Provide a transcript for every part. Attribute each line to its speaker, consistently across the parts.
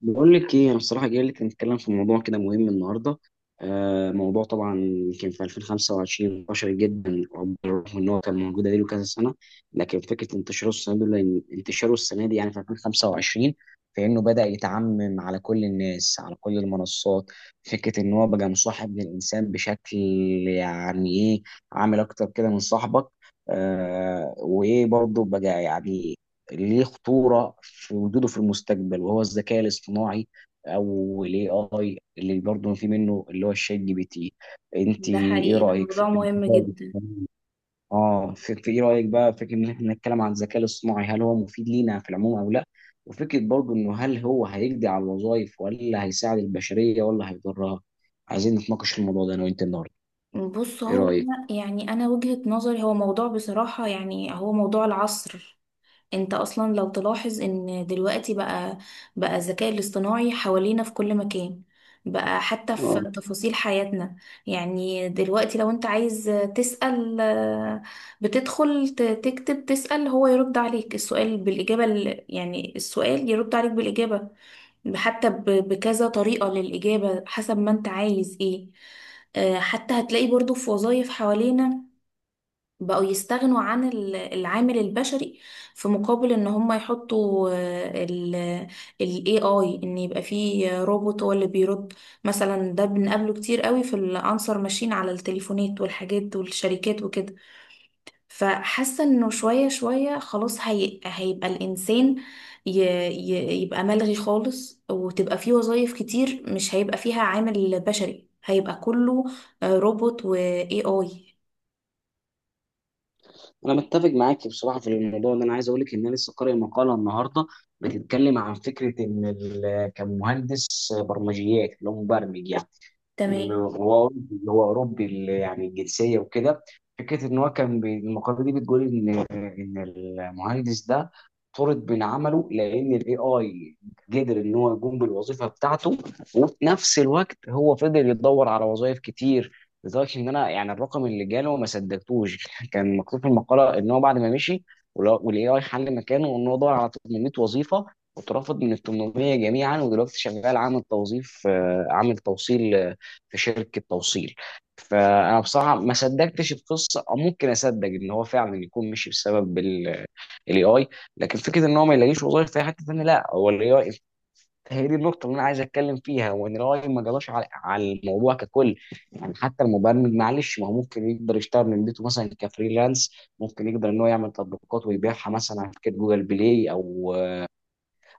Speaker 1: بقول لك ايه انا الصراحه جاي لك نتكلم في موضوع كده مهم النهارده. آه، موضوع طبعا كان في 2025 انتشر جدا، رغم ان هو كان موجود بقاله كذا سنه. لكن فكره انتشاره السنه دي انتشاره السنه دي يعني في 2025، فانه بدا يتعمم على كل الناس على كل المنصات. فكره ان هو بقى مصاحب للانسان بشكل، يعني ايه، عامل اكتر كده من صاحبك. آه، وايه برضه بقى يعني ليه خطورة في وجوده في المستقبل؟ وهو الذكاء الاصطناعي او الاي اي اللي برضه في منه اللي هو الشات جي بي تي. انت
Speaker 2: ده
Speaker 1: ايه
Speaker 2: حقيقي، ده
Speaker 1: رأيك في
Speaker 2: موضوع مهم
Speaker 1: الذكاء
Speaker 2: جدا.
Speaker 1: الاصطناعي؟ اه، في ايه رأيك بقى فكرة ان احنا نتكلم عن الذكاء الاصطناعي؟ هل هو مفيد لينا في العموم او لا؟ وفكرة برضه انه هل هو هيقضي على الوظائف ولا هيساعد البشرية ولا هيضرها؟ عايزين نتناقش في الموضوع ده انا وانت النهارده.
Speaker 2: بص
Speaker 1: ايه
Speaker 2: هو
Speaker 1: رأيك؟
Speaker 2: أنا- يعني انا وجهة نظري، هو موضوع بصراحة، هو موضوع العصر. انت اصلا لو تلاحظ ان دلوقتي بقى الذكاء الاصطناعي حوالينا في كل مكان، بقى حتى في تفاصيل حياتنا. يعني دلوقتي لو انت عايز تسأل بتدخل تكتب تسأل، هو يرد عليك السؤال بالإجابة، يعني السؤال يرد عليك بالإجابة، حتى بكذا طريقة للإجابة حسب ما انت عايز ايه. حتى هتلاقي برضو في وظائف حوالينا بقوا يستغنوا عن العامل البشري، في مقابل ان هم يحطوا ال AI، ان يبقى فيه روبوت هو اللي بيرد. مثلا ده بنقابله كتير قوي في الانسر ماشين على التليفونات والحاجات والشركات وكده. فحاسه انه شويه شويه خلاص هيبقى الانسان ي ي يبقى ملغي خالص، وتبقى فيه وظايف كتير مش هيبقى فيها عامل بشري، هيبقى كله روبوت و AI.
Speaker 1: انا متفق معاك بصراحه في الموضوع ده. انا عايز اقول لك ان انا لسه قارئ مقاله النهارده بتتكلم عن فكره ان كمهندس برمجيات اللي هو مبرمج، يعني
Speaker 2: تمام.
Speaker 1: الغوار اللي هو اوروبي اللي يعني الجنسيه وكده. فكره ان هو كان المقاله دي بتقول ان المهندس ده طرد من عمله لان الاي اي قدر ان هو يقوم بالوظيفه بتاعته. وفي نفس الوقت هو فضل يدور على وظائف كتير، لدرجه ان انا يعني الرقم اللي جاله ما صدقتوش. كان مكتوب في المقاله ان هو بعد ما مشي والاي اي حل مكانه، ان هو دور على 800 وظيفه، واترفض من ال 800 جميعا، ودلوقتي شغال عامل توظيف، عامل توصيل في شركه توصيل. فانا بصراحه ما صدقتش القصه، او ممكن اصدق ان هو فعلا يكون مشي بسبب الاي اي، لكن فكره ان هو ما يلاقيش وظايف في أي حته ثانيه لا هو الاي اي. هي دي النقطه اللي انا عايز اتكلم فيها، وان الاي ما جراش على الموضوع ككل. يعني حتى المبرمج، معلش، ما هو ممكن يقدر يشتغل من بيته مثلا كفريلانس، ممكن يقدر ان هو يعمل تطبيقات ويبيعها مثلا على شركه جوجل بلاي او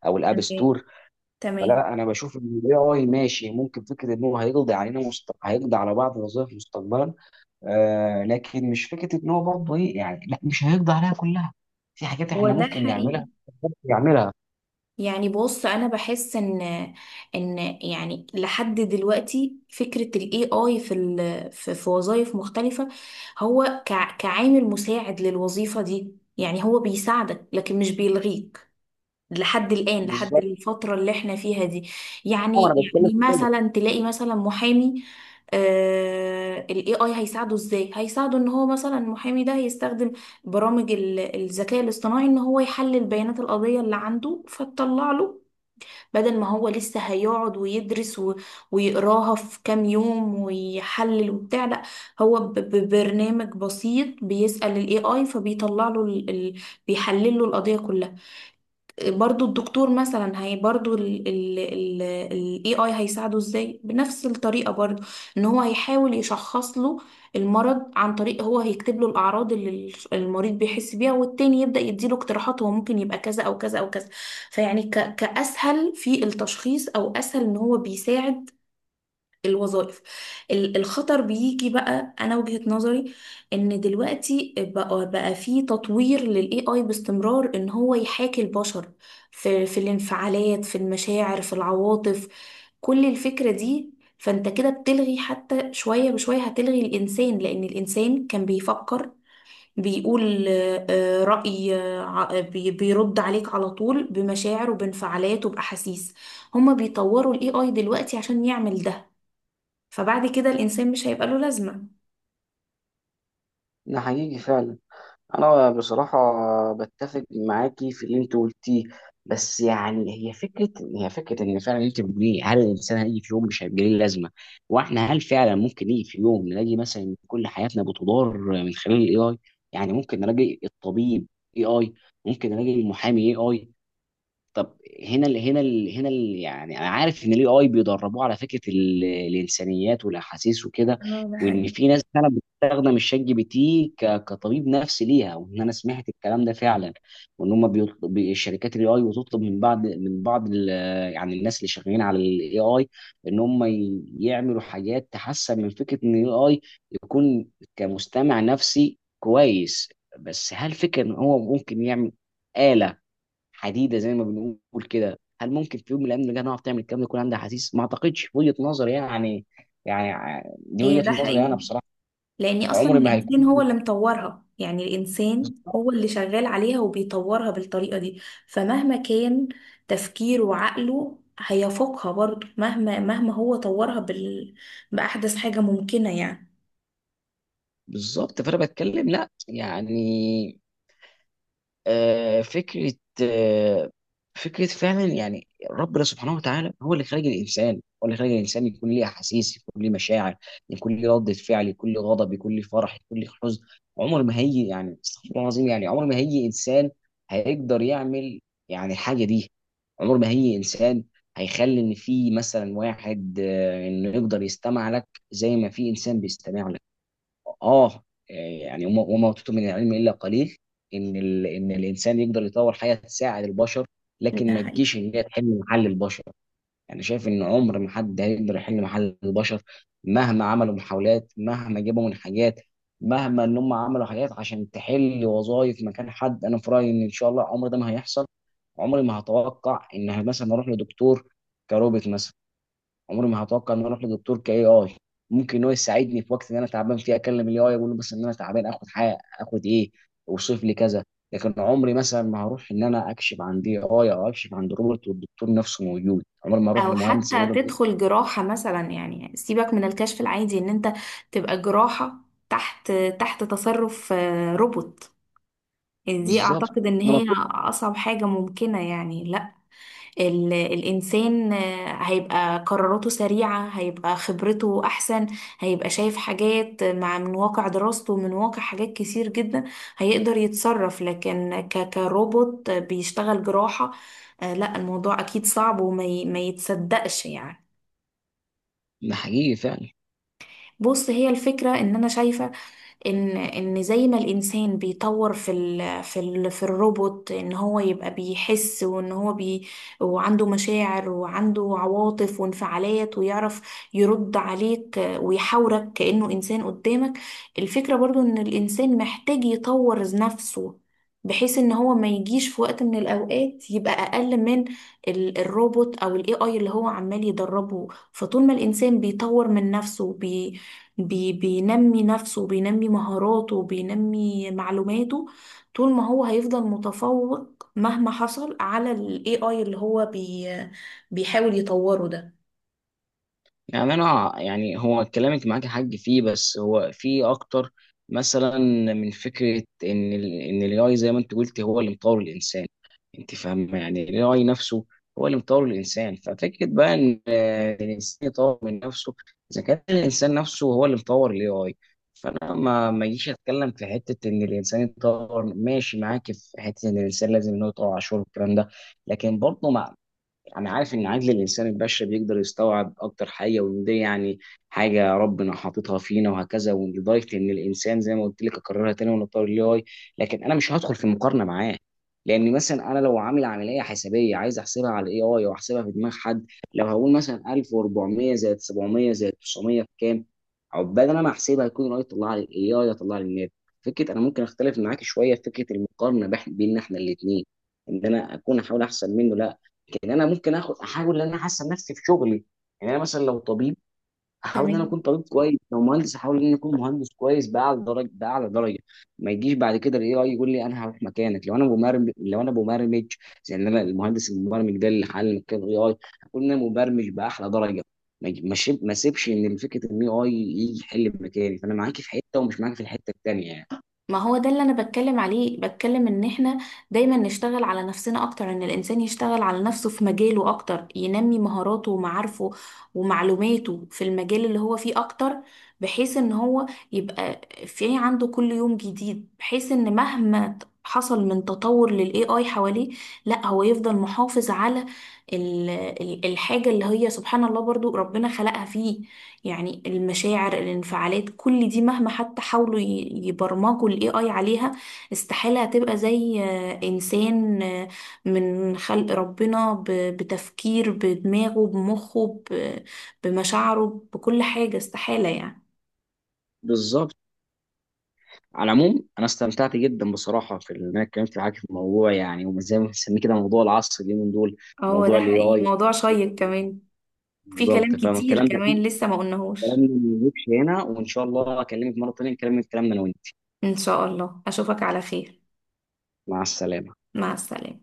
Speaker 1: الاب
Speaker 2: تمام.
Speaker 1: ستور.
Speaker 2: تمام.
Speaker 1: فلا، انا بشوف ان الاي اي ماشي. ممكن فكره ان هو هيقضي علينا هيقضي على بعض الوظائف مستقبلا. آه، لكن مش فكره ان هو برضه ايه يعني، لا، مش هيقضي عليها كلها. في حاجات
Speaker 2: هو
Speaker 1: احنا
Speaker 2: ده
Speaker 1: ممكن
Speaker 2: حقيقي.
Speaker 1: نعملها، ممكن نعملها.
Speaker 2: بص، انا بحس ان يعني لحد دلوقتي فكره الاي اي في وظائف مختلفه، هو كعامل مساعد للوظيفه دي، يعني هو بيساعدك لكن مش بيلغيك لحد الآن، لحد
Speaker 1: بالظبط.
Speaker 2: الفترة اللي احنا فيها دي. يعني
Speaker 1: انا بتكلم
Speaker 2: يعني
Speaker 1: في كده.
Speaker 2: مثلا تلاقي مثلا محامي، ال AI هيساعده ازاي؟ هيساعده ان هو مثلا المحامي ده هيستخدم برامج الذكاء الاصطناعي، ان هو يحلل بيانات القضية اللي عنده فتطلع له. بدل ما هو لسه هيقعد ويدرس ويقراها في كام يوم ويحلل وبتاع، لا، هو ببرنامج بسيط بيسأل ال AI فبيطلع له بيحلل له القضية كلها. برضو الدكتور مثلا، هي برضو ال ال ال ال AI هيساعده ازاي بنفس الطريقة برضو، ان هو هيحاول يشخص له المرض عن طريق هو هيكتب له الأعراض اللي المريض بيحس بيها، والتاني يبدأ يديله اقتراحات هو ممكن يبقى كذا أو كذا أو كذا. فيعني كأسهل في التشخيص، أو أسهل ان هو بيساعد الوظائف. الخطر بيجي بقى، انا وجهة نظري ان دلوقتي بقى في تطوير للاي اي باستمرار، ان هو يحاكي البشر في الانفعالات، في المشاعر، في العواطف، كل الفكرة دي. فانت كده بتلغي حتى، شوية بشوية هتلغي الانسان، لان الانسان كان بيفكر، بيقول آه، آه، رأي آه، ع- بي- بيرد عليك على طول بمشاعر وبانفعالات وبأحاسيس. هما بيطوروا الاي اي دلوقتي عشان يعمل ده، فبعد كده الإنسان مش هيبقى له لازمة.
Speaker 1: ده حقيقي فعلا. انا بصراحه بتفق معاكي في اللي انت قلتيه، بس يعني هي فكره، هي فكره ان فعلا انت بتقوليه هل الانسان هيجي في يوم مش هيبقى ليه لازمه؟ واحنا هل فعلا ممكن يجي في يوم نلاقي مثلا إن كل حياتنا بتدار من خلال الاي اي؟ يعني ممكن نلاقي الطبيب اي اي، ممكن نلاقي المحامي اي اي. طب، هنا ال هنا ال هنا ال يعني انا عارف ان الاي اي بيدربوه على فكره الانسانيات والاحاسيس وكده.
Speaker 2: اه، ده
Speaker 1: وان
Speaker 2: حقيقي.
Speaker 1: في ناس فعلا بتستخدم الشات جي بي تي كطبيب نفسي ليها، وان انا سمعت الكلام ده فعلا. وان هم بيطلب الشركات الاي اي بتطلب من بعض يعني الناس اللي شغالين على الاي اي ان هم يعملوا حاجات تحسن من فكره ان الاي اي يكون كمستمع نفسي كويس. بس هل فكره ان هو ممكن يعمل آلة حديده زي ما بنقول كده، هل ممكن في يوم من الايام نلقاها نعرف تعمل الكلام ده يكون عندها احاسيس؟ ما اعتقدش في وجهه نظري يعني. يعني دي
Speaker 2: ده
Speaker 1: وجهه نظري انا
Speaker 2: حقيقي،
Speaker 1: بصراحه.
Speaker 2: لأن أصلا
Speaker 1: عمري ما
Speaker 2: الإنسان هو
Speaker 1: هيكون.
Speaker 2: اللي مطورها، يعني الإنسان
Speaker 1: بالظبط.
Speaker 2: هو اللي شغال عليها وبيطورها بالطريقة دي. فمهما كان تفكيره وعقله هيفوقها برضه، مهما هو طورها بأحدث حاجة ممكنة يعني.
Speaker 1: بالظبط، فانا بتكلم لا يعني، آه، فكرة آه، فكرة فعلا يعني ربنا سبحانه وتعالى هو اللي خلق الإنسان. هو اللي خلق الإنسان يكون ليه أحاسيس، يكون ليه مشاعر، يكون ليه ردة فعل، يكون ليه غضب، يكون ليه فرح، يكون ليه حزن. عمر ما هيجي، يعني استغفر الله العظيم، يعني عمر ما هيجي إنسان هيقدر يعمل يعني الحاجة دي. عمر ما هيجي إنسان هيخلي إن في مثلا واحد، إنه يقدر يستمع لك زي ما في إنسان بيستمع لك. اه يعني وما اوتيتم من العلم الا قليل. ان ان الانسان يقدر يطور حاجه تساعد البشر،
Speaker 2: ده
Speaker 1: لكن ما
Speaker 2: حقيقي.
Speaker 1: تجيش ان هي تحل محل البشر. يعني شايف ان عمر ما حد هيقدر يحل محل البشر. مهما عملوا محاولات، مهما جابوا من حاجات، مهما ان هم عملوا حاجات عشان تحل وظائف مكان حد، انا في رايي ان ان شاء الله عمر ده ما هيحصل. عمري ما هتوقع ان مثلا اروح لدكتور كروبوت مثلا. عمري ما هتوقع ان انا اروح لدكتور كاي اي. ممكن هو يساعدني في وقت ان انا تعبان فيه اكلم الاي اي اقول له بس ان انا تعبان، اخد حاجه، اخد ايه، اوصف لي كذا. لكن عمري مثلا ما هروح ان انا اكشف عن دي اي او اكشف عن روبوت والدكتور نفسه موجود. عمري ما اروح
Speaker 2: او
Speaker 1: لمهندس
Speaker 2: حتى
Speaker 1: اقول له إيه؟
Speaker 2: تدخل جراحة مثلا، يعني سيبك من الكشف العادي، ان انت تبقى جراحة تحت تصرف روبوت، يعني دي
Speaker 1: بالظبط.
Speaker 2: اعتقد ان
Speaker 1: انا
Speaker 2: هي
Speaker 1: مفروض.
Speaker 2: اصعب حاجة ممكنة يعني، لا. الانسان هيبقى قراراته سريعة، هيبقى خبرته احسن، هيبقى شايف حاجات مع من واقع دراسته، من واقع حاجات كتير جدا، هيقدر يتصرف. لكن كروبوت بيشتغل جراحة، لا، الموضوع اكيد صعب وما ما يتصدقش يعني.
Speaker 1: ده حقيقي فعلا.
Speaker 2: بص، هي الفكرة ان انا شايفة ان زي ما الانسان بيطور في ال في ال في الروبوت، ان هو يبقى بيحس، وان هو وعنده مشاعر وعنده عواطف وانفعالات، ويعرف يرد عليك ويحاورك كأنه انسان قدامك. الفكرة برضو ان الانسان محتاج يطور نفسه، بحيث ان هو ما يجيش في وقت من الاوقات يبقى اقل من الروبوت او الاي اي اللي هو عمال يدربه. فطول ما الانسان بيطور من نفسه، بينمي نفسه وبينمي مهاراته وبينمي معلوماته، طول ما هو هيفضل متفوق مهما حصل على ال AI اللي هو بي بيحاول يطوره ده.
Speaker 1: يعني انا، يعني هو كلامك معاك حق فيه، بس هو فيه اكتر مثلا من فكره ان الاي اي زي ما انت قلت هو اللي مطور الانسان. انت فاهم يعني الاي اي نفسه هو اللي مطور الانسان، ففكره بقى ان، الانسان يطور من نفسه. اذا كان الانسان نفسه هو اللي مطور الاي اي، فانا ما اجيش اتكلم في حته ان الانسان يطور. ماشي معاك في حته ان الانسان لازم ان هو يطور عشوائي والكلام ده. لكن برضه انا عارف ان عقل الانسان البشري بيقدر يستوعب اكتر حاجه، وان دي يعني حاجه ربنا حاططها فينا وهكذا، ولدرجه ان الانسان زي ما قلت لك اكررها تاني ونطور الاي اي. لكن انا مش هدخل في مقارنه معاه. لان مثلا انا لو عامل عمليه حسابيه عايز احسبها على الاي اي او احسبها في دماغ حد، لو هقول مثلا 1400 زائد 700 زائد 900 بكام؟ عقبال انا ما احسبها يكون طلع لي، الاي اي يطلع لي الناتج. فكره انا ممكن اختلف معاك شويه في فكره المقارنه بين احنا الاثنين. ان انا اكون احاول احسن منه. لا، ان انا ممكن اخد احاول ان انا احسن نفسي في شغلي. يعني انا مثلا لو طبيب احاول ان انا
Speaker 2: تمام.
Speaker 1: اكون طبيب كويس، لو مهندس احاول ان انا اكون مهندس كويس، باعلى درجه، باعلى درجه. ما يجيش بعد كده الاي اي يقول لي انا هروح مكانك. لو انا مبرمج، يعني انا المهندس المبرمج ده اللي حل مكان الاي اي، اكون انا مبرمج باحلى درجه. ما يجي- ما شيب- ما سيبش ان فكره ان الاي اي يجي يحل مكاني. فانا معاكي في حته، ومش معاكي في الحته التانيه يعني.
Speaker 2: ما هو ده اللي انا بتكلم عليه، بتكلم ان احنا دايما نشتغل على نفسنا اكتر، ان الانسان يشتغل على نفسه في مجاله اكتر، ينمي مهاراته ومعارفه ومعلوماته في المجال اللي هو فيه اكتر، بحيث ان هو يبقى في عنده كل يوم جديد، بحيث ان مهما حصل من تطور للاي اي حواليه، لا هو يفضل محافظ على ال- الحاجة اللي هي سبحان الله برضو ربنا خلقها فيه. يعني المشاعر، الانفعالات، كل دي مهما حتى حاولوا يبرمجوا الاي اي عليها، استحالة هتبقى زي انسان من خلق ربنا، بتفكير بدماغه بمخه، بمشاعره، بكل حاجة، استحالة يعني.
Speaker 1: بالظبط. على العموم انا استمتعت جدا بصراحه في ان انا اتكلمت معاك في الموضوع يعني، وزي ما بنسميه كده موضوع العصر اليومين دول،
Speaker 2: هو
Speaker 1: موضوع
Speaker 2: ده
Speaker 1: الاي
Speaker 2: حقيقي،
Speaker 1: اي.
Speaker 2: موضوع شيق كمان. في كلام
Speaker 1: بالظبط،
Speaker 2: كتير
Speaker 1: فالكلام ده
Speaker 2: كمان لسه ما قلناهوش.
Speaker 1: كلامنا ما يجيبش هنا، وان شاء الله اكلمك مره تانيه نكمل كلامنا انا وانت.
Speaker 2: ان شاء الله اشوفك على خير.
Speaker 1: مع السلامه.
Speaker 2: مع السلامة.